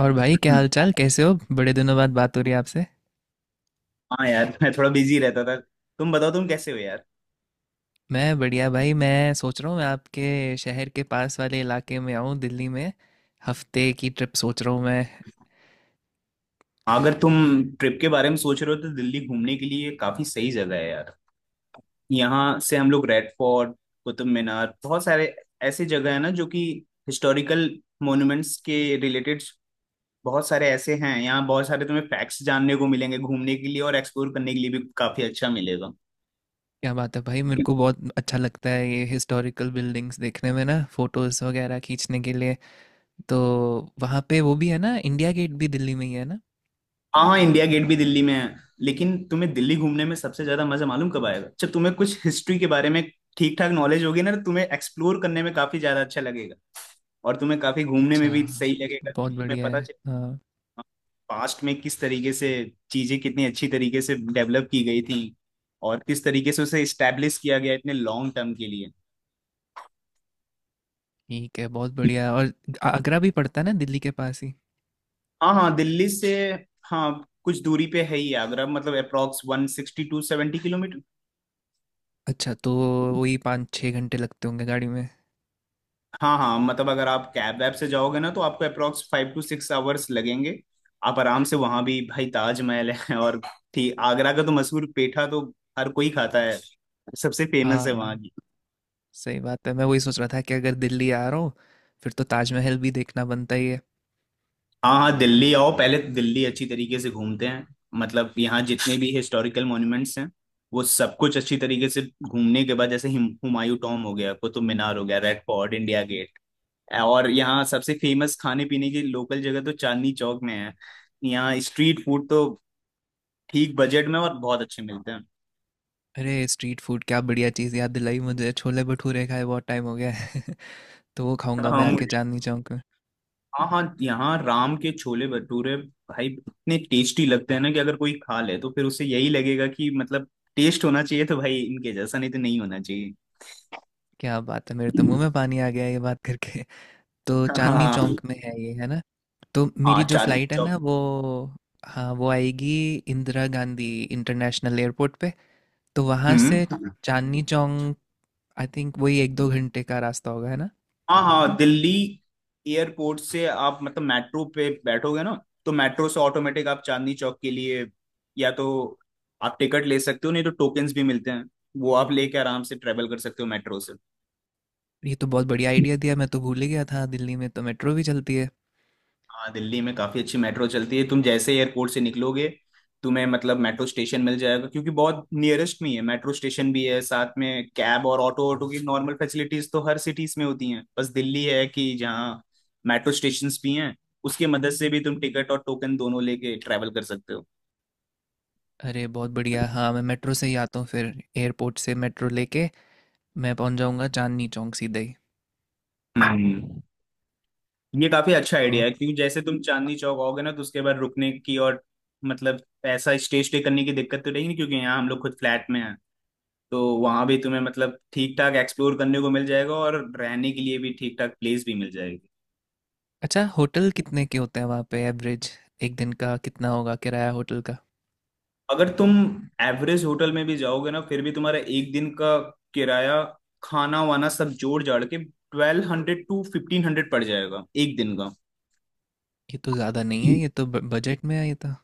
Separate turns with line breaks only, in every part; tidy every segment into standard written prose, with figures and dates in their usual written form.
और भाई क्या
हम्म,
हाल चाल कैसे हो? बड़े दिनों बाद बात हो रही है आपसे।
हाँ यार। मैं थोड़ा बिजी रहता था। तुम बताओ, तुम कैसे हो यार?
मैं बढ़िया भाई। मैं सोच रहा हूँ मैं आपके शहर के पास वाले इलाके में आऊँ, दिल्ली में। हफ्ते की ट्रिप सोच रहा हूँ मैं।
अगर तुम ट्रिप के बारे में सोच रहे हो तो दिल्ली घूमने के लिए काफी सही जगह है यार। यहाँ से हम लोग रेड फोर्ट, कुतुब मीनार, बहुत सारे ऐसे जगह है ना जो कि हिस्टोरिकल मॉन्यूमेंट्स के रिलेटेड बहुत सारे ऐसे हैं यहाँ। बहुत सारे तुम्हें फैक्ट्स जानने को मिलेंगे, घूमने के लिए और एक्सप्लोर करने के लिए भी काफी अच्छा मिलेगा।
क्या बात है भाई! मेरे को बहुत अच्छा लगता है ये हिस्टोरिकल बिल्डिंग्स देखने में ना, फोटोज़ वगैरह खींचने के लिए। तो वहाँ पे वो भी है ना, इंडिया गेट भी दिल्ली में ही है ना।
हाँ, इंडिया गेट भी दिल्ली में है, लेकिन तुम्हें दिल्ली घूमने में सबसे ज्यादा मजा मालूम कब आएगा जब तुम्हें कुछ हिस्ट्री के बारे में ठीक ठाक नॉलेज होगी ना, तो तुम्हें एक्सप्लोर करने में काफी ज्यादा अच्छा लगेगा और तुम्हें काफी घूमने में
अच्छा,
भी सही लगेगा कि
बहुत
तुम्हें
बढ़िया
पता
है।
चले
हाँ।
पास्ट में किस तरीके से चीजें कितनी अच्छी तरीके से डेवलप की गई थी और किस तरीके से उसे इस्टेब्लिश किया गया इतने लॉन्ग टर्म के लिए।
ठीक है, बहुत बढ़िया है। और आगरा भी पड़ता है ना दिल्ली के पास ही।
हाँ हाँ, दिल्ली से। हाँ, कुछ दूरी पे है ही आगरा, मतलब अप्रोक्स 160 to 170।
अच्छा, तो वही पाँच छः घंटे लगते होंगे गाड़ी में।
हाँ हाँ, मतलब अगर आप कैब वैब से जाओगे ना तो आपको अप्रोक्स 5 to 6 hours लगेंगे। आप आराम से वहां भी, भाई ताजमहल है और ठीक आगरा का तो मशहूर पेठा तो हर कोई खाता है, सबसे फेमस है वहां
हाँ,
की।
सही बात है। मैं वही सोच रहा था कि अगर दिल्ली आ रहा हूँ फिर तो ताजमहल भी देखना बनता ही है।
हाँ हाँ, दिल्ली आओ पहले, तो दिल्ली अच्छी तरीके से घूमते हैं। मतलब यहाँ जितने भी हिस्टोरिकल मॉन्यूमेंट्स हैं वो सब कुछ अच्छी तरीके से घूमने के बाद, जैसे हुमायूं टॉम हो गया, कुतुब मीनार हो गया, रेड फोर्ट, इंडिया गेट, और यहाँ सबसे फेमस खाने पीने की लोकल जगह तो चांदनी चौक में है। यहाँ स्ट्रीट फूड तो ठीक बजट में और बहुत अच्छे मिलते हैं।
अरे स्ट्रीट फूड! क्या बढ़िया चीज़ याद दिलाई। मुझे छोले भटूरे खाए बहुत टाइम हो गया है। तो वो
हाँ
खाऊंगा
हाँ,
मैं आके
मुझे।
चांदनी चौक में।
हाँ हाँ, यहाँ राम के छोले भटूरे भाई इतने टेस्टी लगते हैं ना कि अगर कोई खा ले तो फिर उसे यही लगेगा कि, मतलब, टेस्ट होना चाहिए तो भाई इनके जैसा, नहीं तो नहीं होना चाहिए।
क्या बात है, मेरे तो मुंह में पानी आ गया ये बात करके। तो चांदनी
हाँ
चौक में है ये, है ना? तो
हाँ,
मेरी जो
चांदनी
फ्लाइट है
चौक।
ना वो, हाँ, वो आएगी इंदिरा गांधी इंटरनेशनल एयरपोर्ट पे। तो वहाँ से
हम्म,
चांदनी चौक आई थिंक वही एक दो घंटे का रास्ता होगा, है ना?
हाँ हाँ, दिल्ली एयरपोर्ट से आप मतलब मेट्रो पे बैठोगे ना, तो मेट्रो से ऑटोमेटिक आप चांदनी चौक के लिए या तो आप टिकट ले सकते हो, नहीं तो टोकन्स भी मिलते हैं। वो आप लेके आराम से ट्रेवल कर सकते हो मेट्रो से।
ये तो बहुत बढ़िया आइडिया दिया। मैं तो भूल ही गया था दिल्ली में तो मेट्रो भी चलती है।
हाँ, दिल्ली में काफी अच्छी मेट्रो चलती है। तुम जैसे एयरपोर्ट से निकलोगे, तुम्हें मतलब मेट्रो स्टेशन मिल जाएगा क्योंकि बहुत नियरेस्ट में ही है मेट्रो स्टेशन भी है, साथ में कैब और ऑटो। ऑटो की नॉर्मल फैसिलिटीज तो हर सिटीज में होती हैं, बस दिल्ली है कि जहाँ मेट्रो स्टेशन भी हैं, उसकी मदद से भी तुम टिकट और टोकन दोनों लेके ट्रैवल कर सकते हो।
अरे बहुत बढ़िया! हाँ, मैं मेट्रो से ही आता हूँ फिर। एयरपोर्ट से मेट्रो लेके मैं पहुँच जाऊँगा चांदनी चौक सीधे ही।
हम्म ये काफी अच्छा आइडिया है
और
क्योंकि जैसे तुम चांदनी चौक आओगे ना तो उसके बाद रुकने की और, मतलब, ऐसा स्टे स्टे करने की दिक्कत तो रहेगी नहीं क्योंकि यहाँ हम लोग खुद फ्लैट में हैं। तो वहां भी तुम्हें मतलब ठीक ठाक एक्सप्लोर करने को मिल जाएगा और रहने के लिए भी ठीक ठाक प्लेस भी मिल जाएगी।
अच्छा, होटल कितने के होते हैं वहाँ पे एवरेज? एक दिन का कितना होगा किराया होटल का?
अगर तुम एवरेज होटल में भी जाओगे ना, फिर भी तुम्हारा एक दिन का किराया, खाना वाना सब जोड़ जाड़ के, 1200 to 1500 पड़ जाएगा एक दिन का।
ये तो ज़्यादा नहीं है, ये तो बजट में है ये तो।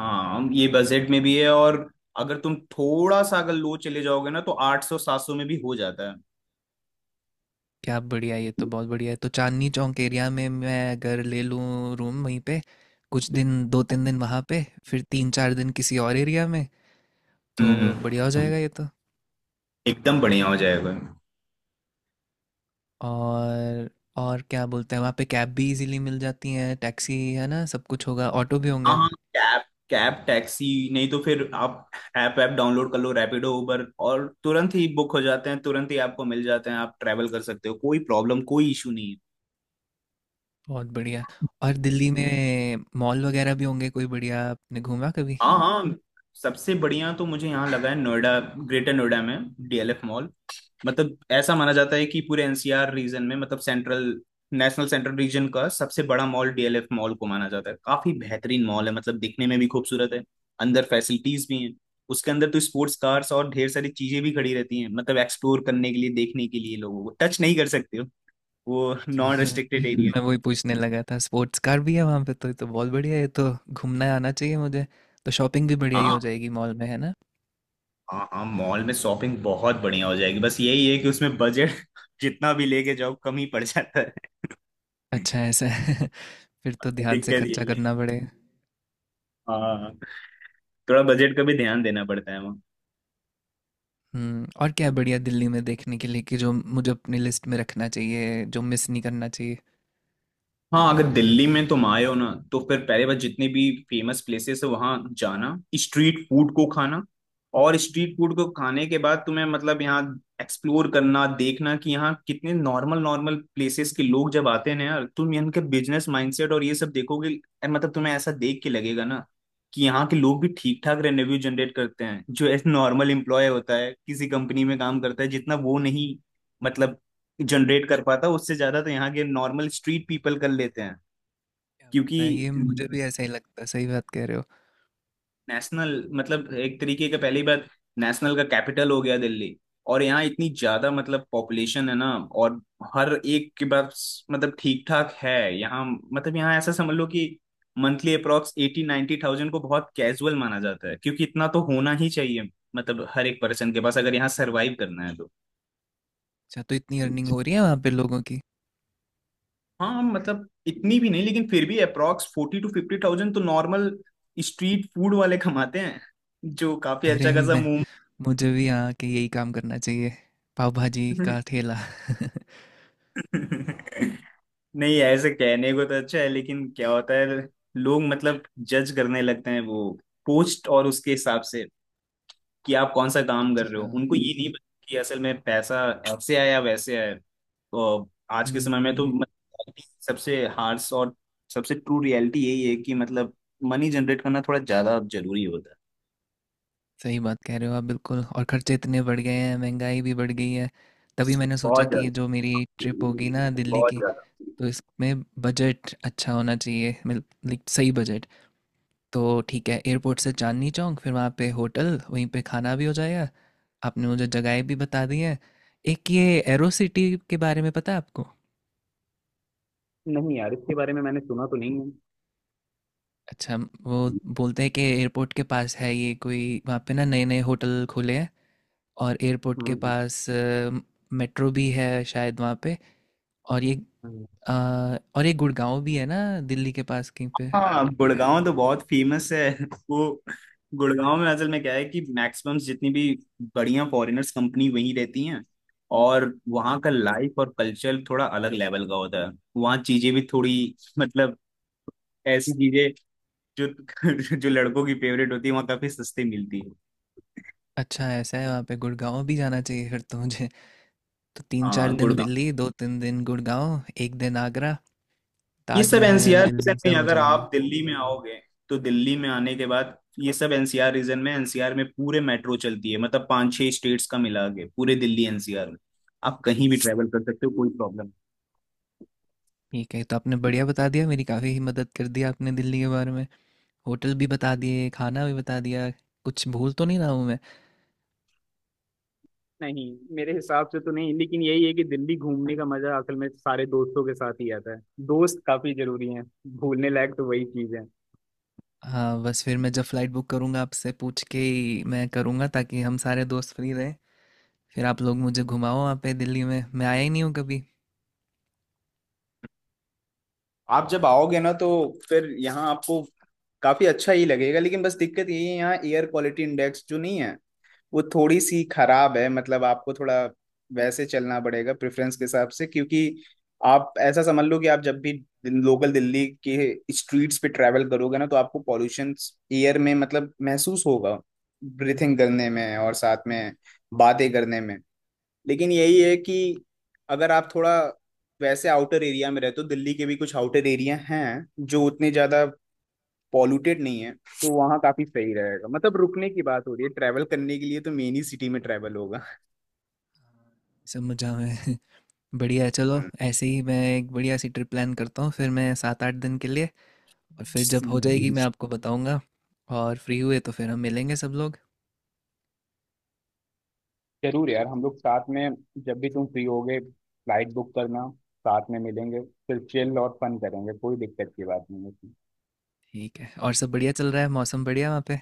हाँ, ये बजट में भी है, और अगर तुम थोड़ा सा अगर लो चले जाओगे ना, तो 800, 700 में भी हो जाता है।
क्या बढ़िया! ये तो बहुत बढ़िया है। तो चांदनी चौक एरिया में मैं अगर ले लूँ रूम वहीं पे, कुछ दिन, दो तीन दिन वहाँ पे, फिर तीन चार दिन किसी और एरिया में, तो
हम्म
बढ़िया हो जाएगा ये तो।
एकदम बढ़िया हो जाएगा।
और और क्या बोलते हैं, वहाँ पे कैब भी इजीली मिल जाती है, टैक्सी, है ना? सब कुछ होगा, ऑटो भी
हाँ
होंगे।
हाँ, कैब, कैब टैक्सी, नहीं तो फिर आप ऐप ऐप डाउनलोड कर लो, रैपिडो, उबर, और तुरंत ही बुक हो जाते हैं, तुरंत ही आपको मिल जाते हैं, आप ट्रैवल कर सकते हो, कोई प्रॉब्लम, कोई इशू नहीं है।
बहुत बढ़िया। और दिल्ली में मॉल वगैरह भी होंगे कोई बढ़िया? आपने घूमा कभी?
हाँ हाँ, सबसे बढ़िया तो मुझे यहाँ लगा है नोएडा, ग्रेटर नोएडा में डीएलएफ मॉल। मतलब ऐसा माना जाता है कि पूरे एनसीआर रीजन में, मतलब सेंट्रल, नेशनल सेंट्रल रीजन का सबसे बड़ा मॉल डीएलएफ मॉल को माना जाता है। काफी बेहतरीन मॉल है, मतलब दिखने में भी खूबसूरत है। अंदर फैसिलिटीज भी हैं। उसके अंदर तो स्पोर्ट्स कार्स और ढेर सारी चीजें भी खड़ी रहती हैं, मतलब एक्सप्लोर करने के लिए, देखने के लिए। लोगों को टच नहीं कर सकते हो वो,
अच्छा।
नॉन रेस्ट्रिक्टेड एरिया बिल्कुल।
मैं वही पूछने लगा था, स्पोर्ट्स कार भी है वहाँ पे तो? ये तो बहुत बढ़िया है। तो घूमना आना चाहिए मुझे। तो शॉपिंग भी बढ़िया ही हो
हाँ,
जाएगी मॉल में, है ना?
हाँ हाँ, मॉल में शॉपिंग बहुत बढ़िया हो जाएगी, बस यही है कि उसमें बजट जितना भी लेके जाओ कम ही पड़ जाता है।
अच्छा, ऐसा है? फिर तो ध्यान से
दिक्कत
खर्चा
यही है।
करना पड़ेगा।
हाँ, थोड़ा बजट का भी ध्यान देना पड़ता है वहाँ।
हम्म। और क्या है बढ़िया दिल्ली में देखने के लिए कि जो मुझे अपनी लिस्ट में रखना चाहिए, जो मिस नहीं करना चाहिए?
हाँ, अगर दिल्ली में तुम आए हो ना, तो फिर पहले बार जितने भी फेमस प्लेसेस है वहाँ जाना, स्ट्रीट फूड को खाना, और स्ट्रीट फूड को खाने के बाद तुम्हें, मतलब, यहाँ एक्सप्लोर करना, देखना कि यहाँ कितने नॉर्मल नॉर्मल प्लेसेस के लोग जब आते हैं ना यार, तुम इनके बिजनेस माइंडसेट और ये सब देखोगे यार, मतलब तुम्हें ऐसा देख के लगेगा ना कि यहाँ के लोग भी ठीक ठाक रेवेन्यू जनरेट करते हैं। जो एक नॉर्मल एम्प्लॉय होता है किसी कंपनी में काम करता है, जितना वो नहीं, मतलब, जनरेट कर पाता, उससे ज्यादा तो यहाँ के नॉर्मल स्ट्रीट पीपल कर लेते हैं।
क्या बात है!
क्योंकि
ये मुझे भी ऐसा ही लगता है। सही बात कह रहे हो।
नेशनल, मतलब एक तरीके का, पहली बात, नेशनल का कैपिटल हो गया दिल्ली, और यहाँ इतनी ज्यादा, मतलब, पॉपुलेशन है ना, और हर एक के पास, मतलब, ठीक ठाक है यहाँ। मतलब यहाँ ऐसा समझ लो कि मंथली अप्रोक्स 80-90 thousand को बहुत कैजुअल माना जाता है, क्योंकि इतना तो होना ही चाहिए, मतलब हर एक पर्सन के पास, अगर यहाँ सरवाइव करना है तो।
अच्छा, तो इतनी अर्निंग हो रही है वहाँ पे लोगों की?
हाँ, मतलब इतनी भी नहीं, लेकिन फिर भी अप्रॉक्स 40 to 50 thousand तो नॉर्मल स्ट्रीट फूड वाले कमाते हैं, जो काफी
अरे
अच्छा खासा
मैं,
मुंह।
मुझे भी यहाँ के यही काम करना चाहिए, पाव भाजी का ठेला।
नहीं, ऐसे कहने को तो अच्छा है, लेकिन क्या होता है, लोग, मतलब, जज करने लगते हैं वो पोस्ट और उसके हिसाब से कि आप कौन सा काम कर रहे
अच्छा।
हो। उनको ये नहीं पता कि असल में पैसा ऐसे आया या वैसे आया। तो आज के समय में तो,
हम्म।
मतलब, सबसे हार्श और सबसे ट्रू रियलिटी यही है कि, मतलब, मनी जनरेट करना थोड़ा ज्यादा जरूरी होता है।
सही बात कह रहे हो आप बिल्कुल। और खर्चे इतने बढ़ गए हैं, महंगाई भी बढ़ गई है। तभी मैंने सोचा
बहुत
कि ये
ज्यादा,
जो मेरी ट्रिप होगी ना दिल्ली
बहुत
की,
ज्यादा।
तो इसमें बजट अच्छा होना चाहिए, लाइक सही बजट। तो ठीक है, एयरपोर्ट से चांदनी चौक, फिर वहाँ पे होटल, वहीं पे खाना भी हो जाएगा। आपने मुझे जगहें भी बता दी हैं। एक ये एरो सिटी के बारे में पता है आपको?
नहीं यार, इसके बारे में मैंने सुना तो नहीं है।
अच्छा। वो बोलते हैं कि एयरपोर्ट के पास है ये कोई। वहाँ पे ना, नए नए होटल खुले हैं और एयरपोर्ट के
हम्म,
पास मेट्रो भी है शायद वहाँ पे। और ये
हम्म,
अ, और ये गुड़गांव भी है ना, दिल्ली के पास कहीं पे?
हाँ, गुड़गांव तो बहुत फेमस है वो गुड़गांव में असल में क्या है कि मैक्सिमम जितनी भी बढ़िया फॉरेनर्स कंपनी वहीं रहती हैं, और वहाँ का लाइफ और कल्चर थोड़ा अलग लेवल का होता है। वहाँ चीजें भी थोड़ी, मतलब, ऐसी चीजें जो जो लड़कों की फेवरेट होती है वहाँ काफी सस्ती मिलती है।
अच्छा, ऐसा है? वहाँ पे गुड़गांव भी जाना चाहिए फिर तो मुझे। तो तीन चार
हाँ,
दिन दिल्ली, दो तीन दिन गुड़गांव, एक दिन आगरा,
ये सब
ताजमहल,
एनसीआर रीजन
दिल्ली
में,
सब हो
अगर
जाएगा।
आप दिल्ली में आओगे तो दिल्ली में आने के बाद ये सब एनसीआर रीजन में, एनसीआर में पूरे मेट्रो चलती है, मतलब 5-6 स्टेट्स का मिला के पूरे दिल्ली एनसीआर में आप कहीं भी ट्रेवल कर सकते हो, कोई प्रॉब्लम।
ठीक है, तो आपने बढ़िया बता दिया। मेरी काफ़ी ही मदद कर दी आपने दिल्ली के बारे में। होटल भी बता दिए, खाना भी बता दिया। कुछ भूल तो नहीं रहा हूँ मैं?
नहीं नहीं, मेरे हिसाब से तो नहीं, लेकिन यही है कि दिल्ली घूमने का मजा असल में सारे दोस्तों के साथ ही आता है। दोस्त काफी जरूरी हैं। भूलने लायक तो वही चीज है।
हाँ, बस फिर मैं जब फ़्लाइट बुक करूँगा आपसे पूछ के ही मैं करूँगा, ताकि हम सारे दोस्त फ्री रहें। फिर आप लोग मुझे घुमाओ वहाँ पे। दिल्ली में मैं आया ही नहीं हूँ कभी।
आप जब आओगे ना तो फिर यहाँ आपको काफी अच्छा ही लगेगा, लेकिन बस दिक्कत यही है यहाँ एयर क्वालिटी इंडेक्स जो नहीं है वो थोड़ी सी खराब है। मतलब आपको थोड़ा वैसे चलना पड़ेगा प्रेफरेंस के हिसाब से, क्योंकि आप ऐसा समझ लो कि आप जब भी लोकल दिल्ली के स्ट्रीट्स पे ट्रैवल करोगे ना तो आपको पॉल्यूशन एयर में, मतलब, महसूस होगा, ब्रीथिंग करने में और साथ में बातें करने में। लेकिन यही है कि अगर आप थोड़ा वैसे आउटर एरिया में रहते हो, दिल्ली के भी कुछ आउटर एरिया हैं जो उतने ज़्यादा पॉल्यूटेड नहीं है, तो वहाँ काफी सही रहेगा। मतलब रुकने की बात हो रही है, ट्रैवल करने के लिए तो मेन ही सिटी में ट्रैवल होगा।
सब मजा में! बढ़िया है, चलो।
हम्म।
ऐसे ही मैं एक बढ़िया सी ट्रिप प्लान करता हूँ फिर मैं, सात आठ दिन के लिए। और फिर जब हो जाएगी मैं आपको बताऊँगा। और फ्री हुए तो फिर हम मिलेंगे सब लोग।
जरूर यार, हम लोग साथ में, जब भी तुम फ्री होगे फ्लाइट बुक करना, साथ में मिलेंगे, फिर चिल और फन करेंगे, कोई दिक्कत की बात नहीं होती।
ठीक है। और सब बढ़िया चल रहा है? मौसम बढ़िया वहाँ पे?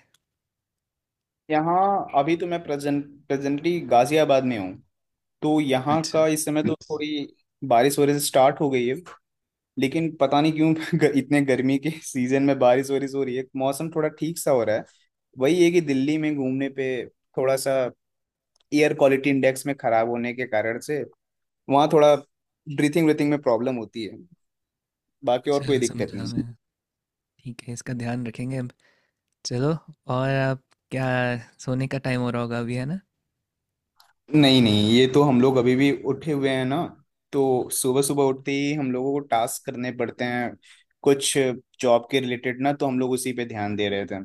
यहाँ अभी तो मैं प्रेजेंटली गाजियाबाद में हूँ। तो यहाँ
अच्छा।
का इस समय तो थोड़ी बारिश वगैरह से स्टार्ट हो गई है, लेकिन पता नहीं क्यों इतने गर्मी के सीजन में बारिश वारिश हो रही है, मौसम थोड़ा ठीक सा हो रहा है। वही है कि दिल्ली में घूमने पे थोड़ा सा एयर क्वालिटी इंडेक्स में खराब होने के कारण से वहाँ थोड़ा ब्रीथिंग ब्रीथिंग में प्रॉब्लम होती है, बाकी और कोई
अच्छा,
दिक्कत
समझा
नहीं।
मैं। ठीक है, इसका ध्यान रखेंगे अब। चलो। और आप क्या, सोने का टाइम हो रहा होगा अभी, है ना?
नहीं नहीं, ये तो हम लोग अभी भी उठे हुए हैं ना, तो सुबह सुबह उठते ही हम लोगों को टास्क करने पड़ते हैं कुछ जॉब के रिलेटेड, ना तो हम लोग उसी पे ध्यान दे रहे थे।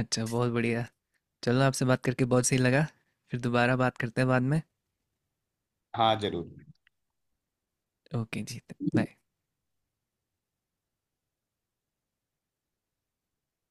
अच्छा, बहुत बढ़िया। चलो, आपसे बात करके बहुत सही लगा। फिर दोबारा बात करते हैं बाद में।
हाँ जरूर।
ओके जी। बाय।